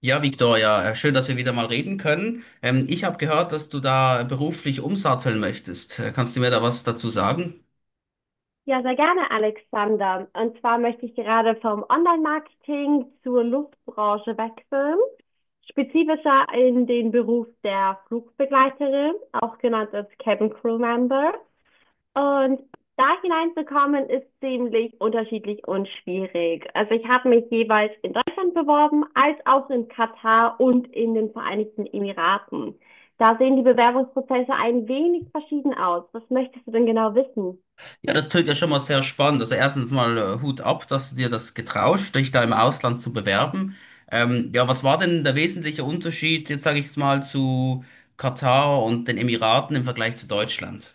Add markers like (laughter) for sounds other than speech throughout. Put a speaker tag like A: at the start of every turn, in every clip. A: Ja, Victoria, schön, dass wir wieder mal reden können. Ich habe gehört, dass du da beruflich umsatteln möchtest. Kannst du mir da was dazu sagen?
B: Ja, sehr gerne, Alexander. Und zwar möchte ich gerade vom Online-Marketing zur Luftbranche wechseln, spezifischer in den Beruf der Flugbegleiterin, auch genannt als Cabin Crew Member. Und da hineinzukommen ist ziemlich unterschiedlich und schwierig. Also ich habe mich jeweils in Deutschland beworben, als auch in Katar und in den Vereinigten Emiraten. Da sehen die Bewerbungsprozesse ein wenig verschieden aus. Was möchtest du denn genau wissen?
A: Ja, das tönt ja schon mal sehr spannend. Also erstens mal Hut ab, dass du dir das getraust, dich da im Ausland zu bewerben. Ja, was war denn der wesentliche Unterschied, jetzt sage ich es mal, zu Katar und den Emiraten im Vergleich zu Deutschland?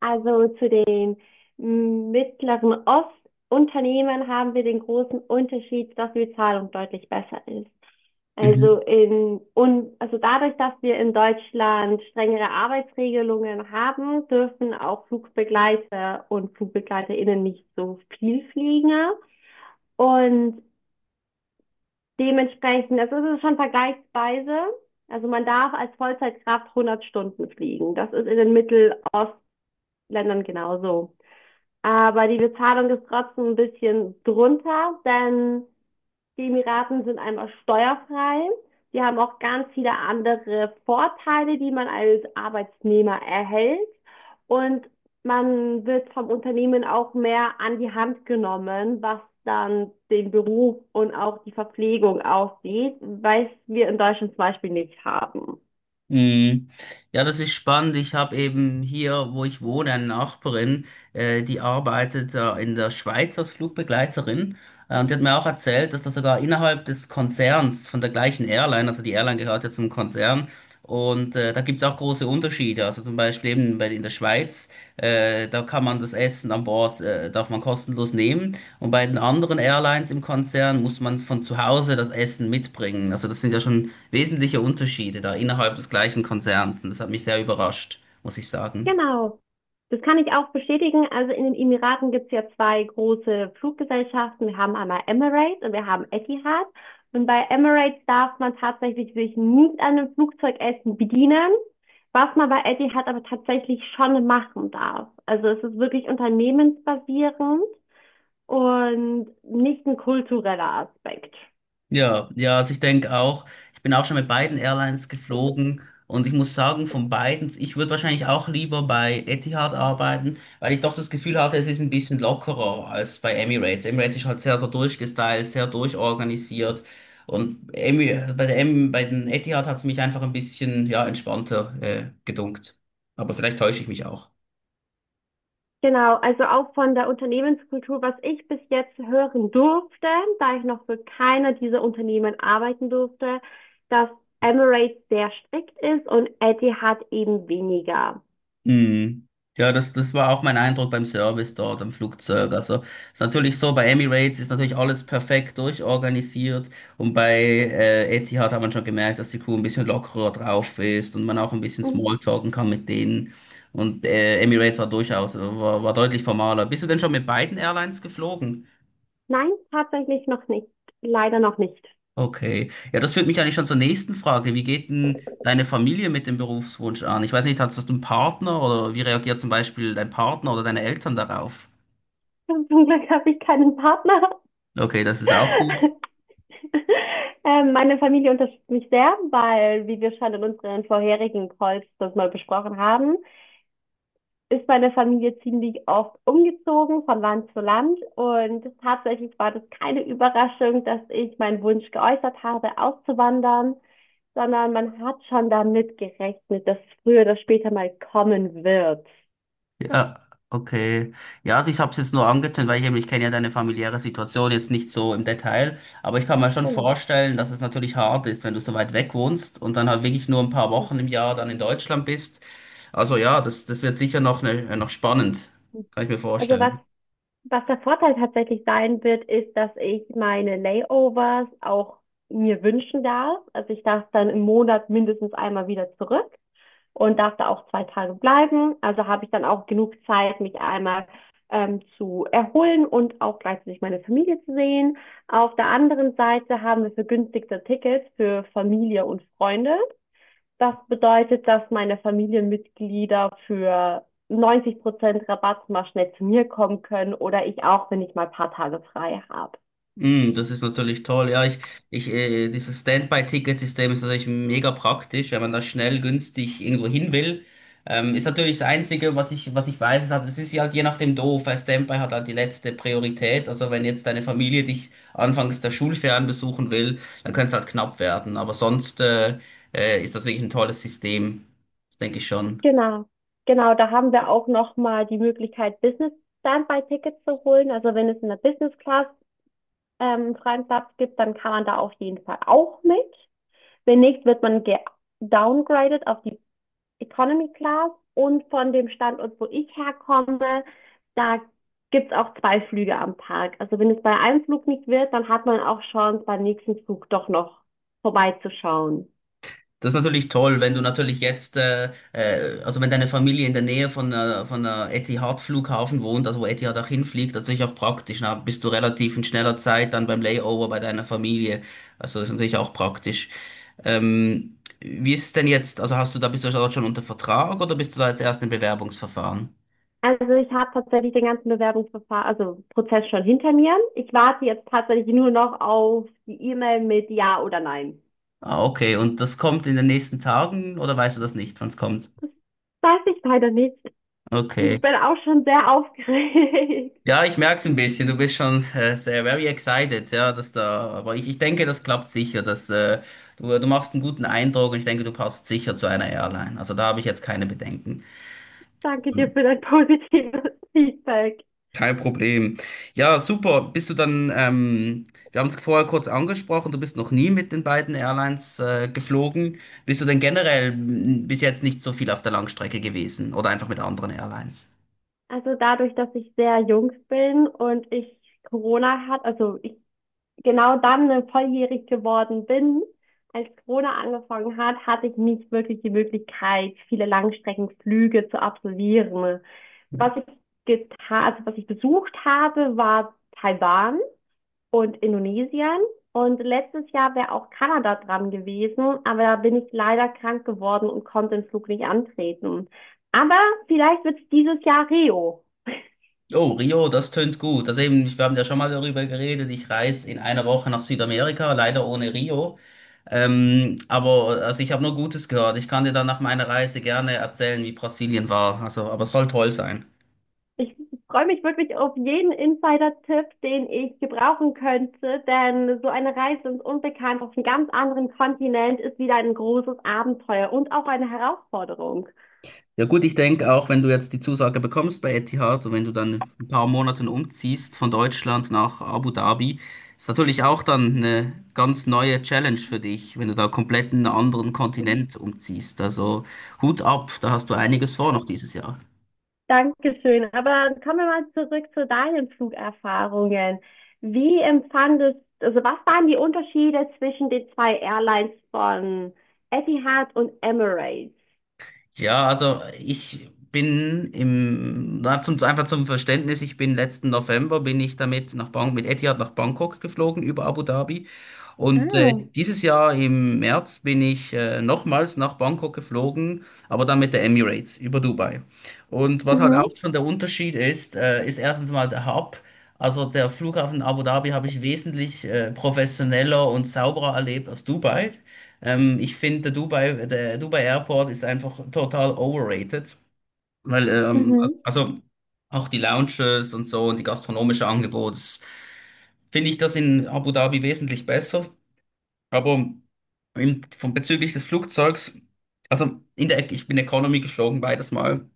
B: Also zu den Mittleren Ostunternehmen haben wir den großen Unterschied, dass die Bezahlung deutlich besser ist.
A: Mhm.
B: Also dadurch, dass wir in Deutschland strengere Arbeitsregelungen haben, dürfen auch Flugbegleiter und FlugbegleiterInnen nicht so viel fliegen. Und dementsprechend, also es ist schon vergleichsweise, also man darf als Vollzeitkraft 100 Stunden fliegen. Das ist in den Mittelostländern genauso. Aber die Bezahlung ist trotzdem ein bisschen drunter, denn die Emiraten sind einmal steuerfrei. Die haben auch ganz viele andere Vorteile, die man als Arbeitnehmer erhält. Und man wird vom Unternehmen auch mehr an die Hand genommen, was dann den Beruf und auch die Verpflegung aussieht, was wir in Deutschland zum Beispiel nicht haben.
A: Mhm. Ja, das ist spannend. Ich habe eben hier, wo ich wohne, eine Nachbarin, die arbeitet in der Schweiz als Flugbegleiterin. Und die hat mir auch erzählt, dass da sogar innerhalb des Konzerns von der gleichen Airline, also die Airline gehört ja zum Konzern, und da gibt's auch große Unterschiede. Also zum Beispiel eben in der Schweiz, da kann man das Essen an Bord darf man kostenlos nehmen. Und bei den anderen Airlines im Konzern muss man von zu Hause das Essen mitbringen. Also das sind ja schon wesentliche Unterschiede da innerhalb des gleichen Konzerns. Und das hat mich sehr überrascht, muss ich sagen.
B: Genau. Das kann ich auch bestätigen. Also in den Emiraten gibt es ja zwei große Fluggesellschaften. Wir haben einmal Emirates und wir haben Etihad. Und bei Emirates darf man tatsächlich sich nicht an einem Flugzeugessen bedienen, was man bei Etihad aber tatsächlich schon machen darf. Also es ist wirklich unternehmensbasierend und nicht ein kultureller Aspekt.
A: Ja, ja, also ich denke auch, ich bin auch schon mit beiden Airlines geflogen und ich muss sagen, von beiden, ich würde wahrscheinlich auch lieber bei Etihad arbeiten, weil ich doch das Gefühl hatte, es ist ein bisschen lockerer als bei Emirates. Emirates ist halt sehr so durchgestylt, sehr durchorganisiert und Emi, bei der Em, bei den Etihad hat es mich einfach ein bisschen, ja, entspannter, gedunkt. Aber vielleicht täusche ich mich auch.
B: Genau, also auch von der Unternehmenskultur, was ich bis jetzt hören durfte, da ich noch für keiner dieser Unternehmen arbeiten durfte, dass Emirates sehr strikt ist und Etihad eben weniger.
A: Mhm. Ja, das war auch mein Eindruck beim Service dort am Flugzeug. Also ist natürlich so, bei Emirates ist natürlich alles perfekt durchorganisiert und bei Etihad hat man schon gemerkt, dass die Crew ein bisschen lockerer drauf ist und man auch ein bisschen
B: Mhm.
A: Smalltalken kann mit denen. Und Emirates war durchaus, war deutlich formaler. Bist du denn schon mit beiden Airlines geflogen?
B: Nein, tatsächlich noch nicht. Leider noch nicht.
A: Okay. Ja, das führt mich eigentlich schon zur nächsten Frage. Wie geht denn deine Familie mit dem Berufswunsch an? Ich weiß nicht, hast du einen Partner oder wie reagiert zum Beispiel dein Partner oder deine Eltern darauf?
B: (laughs) Zum Glück habe ich keinen Partner.
A: Okay, das ist auch
B: (laughs)
A: gut.
B: Meine Familie unterstützt mich sehr, weil, wie wir schon in unseren vorherigen Calls das mal besprochen haben, ist meine Familie ziemlich oft umgezogen von Land zu Land und tatsächlich war das keine Überraschung, dass ich meinen Wunsch geäußert habe, auszuwandern, sondern man hat schon damit gerechnet, dass es früher oder später mal kommen wird.
A: Ja, okay. Ja, also ich habe es jetzt nur angezündet, weil ich eben, ich kenne ja deine familiäre Situation jetzt nicht so im Detail, aber ich kann mir schon
B: Genau.
A: vorstellen, dass es natürlich hart ist, wenn du so weit weg wohnst und dann halt wirklich nur ein paar Wochen im Jahr dann in Deutschland bist. Also ja, das wird sicher noch, ne, noch spannend, kann ich mir
B: Also was,
A: vorstellen.
B: was der Vorteil tatsächlich sein wird, ist, dass ich meine Layovers auch mir wünschen darf. Also ich darf dann im Monat mindestens einmal wieder zurück und darf da auch zwei Tage bleiben. Also habe ich dann auch genug Zeit, mich einmal zu erholen und auch gleichzeitig meine Familie zu sehen. Auf der anderen Seite haben wir vergünstigte Tickets für Familie und Freunde. Das bedeutet, dass meine Familienmitglieder für 90% Rabatt mal schnell zu mir kommen können oder ich auch, wenn ich mal ein paar Tage frei habe.
A: Mm, das ist natürlich toll. Ja, dieses Standby-Ticket-System ist natürlich mega praktisch, wenn man da schnell, günstig irgendwo hin will. Ist natürlich das Einzige, was ich weiß, ist halt, es ist ja halt je nachdem doof, weil Standby hat halt die letzte Priorität. Also wenn jetzt deine Familie dich anfangs der Schulferien besuchen will, dann könnte es halt knapp werden. Aber sonst, ist das wirklich ein tolles System. Das denke ich schon.
B: Genau, genau, da haben wir auch nochmal die Möglichkeit, Business Standby-Tickets zu holen. Also wenn es in der Business Class freien Platz gibt, dann kann man da auf jeden Fall auch mit. Wenn nicht, wird man downgraded auf die Economy Class. Und von dem Standort, wo ich herkomme, da gibt's auch zwei Flüge am Tag. Also wenn es bei einem Flug nicht wird, dann hat man auch Chance, beim nächsten Flug doch noch vorbeizuschauen.
A: Das ist natürlich toll, wenn du natürlich jetzt, also wenn deine Familie in der Nähe von Etihad-Flughafen wohnt, also wo Etihad auch hinfliegt, das ist natürlich auch praktisch. Na, bist du relativ in schneller Zeit dann beim Layover bei deiner Familie. Also das ist natürlich auch praktisch. Wie ist es denn jetzt? Also hast du da, bist du dort schon unter Vertrag oder bist du da jetzt erst im Bewerbungsverfahren?
B: Also ich habe tatsächlich den ganzen Bewerbungsverfahren, also Prozess schon hinter mir. Ich warte jetzt tatsächlich nur noch auf die E-Mail mit Ja oder Nein.
A: Ah, okay. Und das kommt in den nächsten Tagen oder weißt du das nicht, wann es kommt?
B: Das weiß ich leider nicht. Ich
A: Okay.
B: bin auch schon sehr aufgeregt.
A: Ja, ich merk's ein bisschen. Du bist schon sehr very excited, ja, dass da. Aber ich denke, das klappt sicher. Du machst einen guten Eindruck und ich denke, du passt sicher zu einer Airline. Also da habe ich jetzt keine Bedenken.
B: (laughs) Danke dir für dein positives Feedback.
A: Kein Problem. Ja, super. Bist du dann, wir haben es vorher kurz angesprochen, du bist noch nie mit den beiden Airlines geflogen. Bist du denn generell bis jetzt nicht so viel auf der Langstrecke gewesen oder einfach mit anderen Airlines?
B: Also dadurch, dass ich sehr jung bin und ich Corona hat, also ich genau dann volljährig geworden bin, als Corona angefangen hat, hatte ich nicht wirklich die Möglichkeit, viele Langstreckenflüge zu absolvieren. Was ich was ich besucht habe, war Taiwan und Indonesien. Und letztes Jahr wäre auch Kanada dran gewesen, aber da bin ich leider krank geworden und konnte den Flug nicht antreten. Aber vielleicht wird es dieses Jahr Rio.
A: Oh, Rio, das tönt gut. Also eben, wir haben ja schon mal darüber geredet. Ich reise in einer Woche nach Südamerika, leider ohne Rio. Aber also ich habe nur Gutes gehört. Ich kann dir dann nach meiner Reise gerne erzählen, wie Brasilien war. Also, aber es soll toll sein.
B: Ich freue mich wirklich auf jeden Insider-Tipp, den ich gebrauchen könnte, denn so eine Reise ins Unbekannte auf einem ganz anderen Kontinent ist wieder ein großes Abenteuer und auch eine Herausforderung.
A: Ja gut, ich denke auch, wenn du jetzt die Zusage bekommst bei Etihad und wenn du dann ein paar Monaten umziehst von Deutschland nach Abu Dhabi, ist natürlich auch dann eine ganz neue Challenge für dich, wenn du da komplett in einen anderen
B: Mhm.
A: Kontinent umziehst. Also Hut ab, da hast du einiges vor noch dieses Jahr.
B: Dankeschön. Aber kommen wir mal zurück zu deinen Flugerfahrungen. Wie empfandest, also was waren die Unterschiede zwischen den zwei Airlines von Etihad und Emirates?
A: Ja, also ich bin im, na, zum, einfach zum Verständnis, ich bin letzten November bin ich damit mit Etihad nach Bangkok geflogen über Abu Dhabi. Und
B: Ah.
A: dieses Jahr im März bin ich nochmals nach Bangkok geflogen, aber dann mit der Emirates über Dubai. Und was halt auch
B: Mhm.
A: schon der Unterschied ist, ist erstens mal der Hub. Also der Flughafen Abu Dhabi habe ich wesentlich professioneller und sauberer erlebt als Dubai. Ich finde, der Dubai Airport ist einfach total overrated, weil,
B: Mhm.
A: also auch die Lounges und so und die gastronomische Angebot, das finde ich das in Abu Dhabi wesentlich besser. Aber bezüglich des Flugzeugs, ich bin Economy geflogen beides Mal.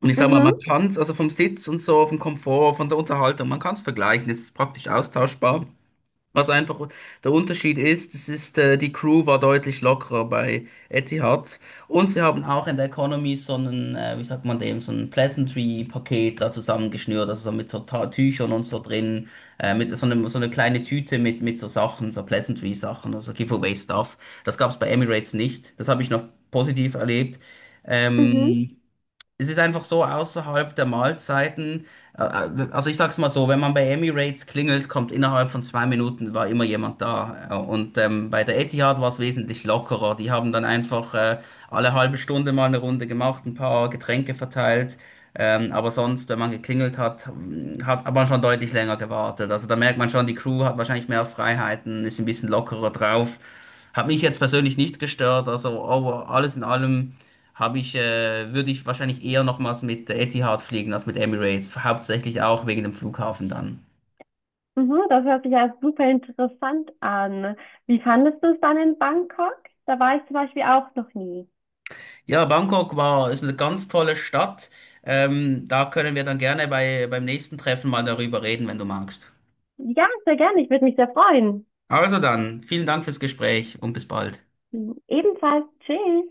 A: Und ich sag mal,
B: Mhm.
A: also vom Sitz und so, vom Komfort, von der Unterhaltung, man kann es vergleichen, es ist praktisch austauschbar. Was einfach der Unterschied ist, die Crew war deutlich lockerer bei Etihad. Und sie haben auch in der Economy so einen, wie sagt man dem, so ein Pleasantry-Paket da zusammengeschnürt, also so mit so Ta Tüchern und so drin, mit so einem, so eine kleine Tüte mit so Sachen, so Pleasantry-Sachen, also Giveaway-Stuff. Das gab es bei Emirates nicht. Das habe ich noch positiv erlebt.
B: Mhm.
A: Ähm, es ist einfach so außerhalb der Mahlzeiten. Also ich sag's mal so, wenn man bei Emirates klingelt, kommt innerhalb von 2 Minuten war immer jemand da. Und bei der Etihad war es wesentlich lockerer. Die haben dann einfach alle halbe Stunde mal eine Runde gemacht, ein paar Getränke verteilt. Aber sonst, wenn man geklingelt hat, hat man schon deutlich länger gewartet. Also da merkt man schon, die Crew hat wahrscheinlich mehr Freiheiten, ist ein bisschen lockerer drauf. Hat mich jetzt persönlich nicht gestört. Also oh, alles in allem würde ich wahrscheinlich eher nochmals mit Etihad fliegen als mit Emirates, hauptsächlich auch wegen dem Flughafen dann.
B: Mhm. Das hört sich ja super interessant an. Wie fandest du es dann in Bangkok? Da war ich zum Beispiel auch noch nie.
A: Ja, Bangkok war, ist eine ganz tolle Stadt. Da können wir dann gerne beim nächsten Treffen mal darüber reden, wenn du magst.
B: Ja, sehr gerne. Ich würde mich sehr freuen.
A: Also dann, vielen Dank fürs Gespräch und bis bald.
B: Ebenfalls, tschüss.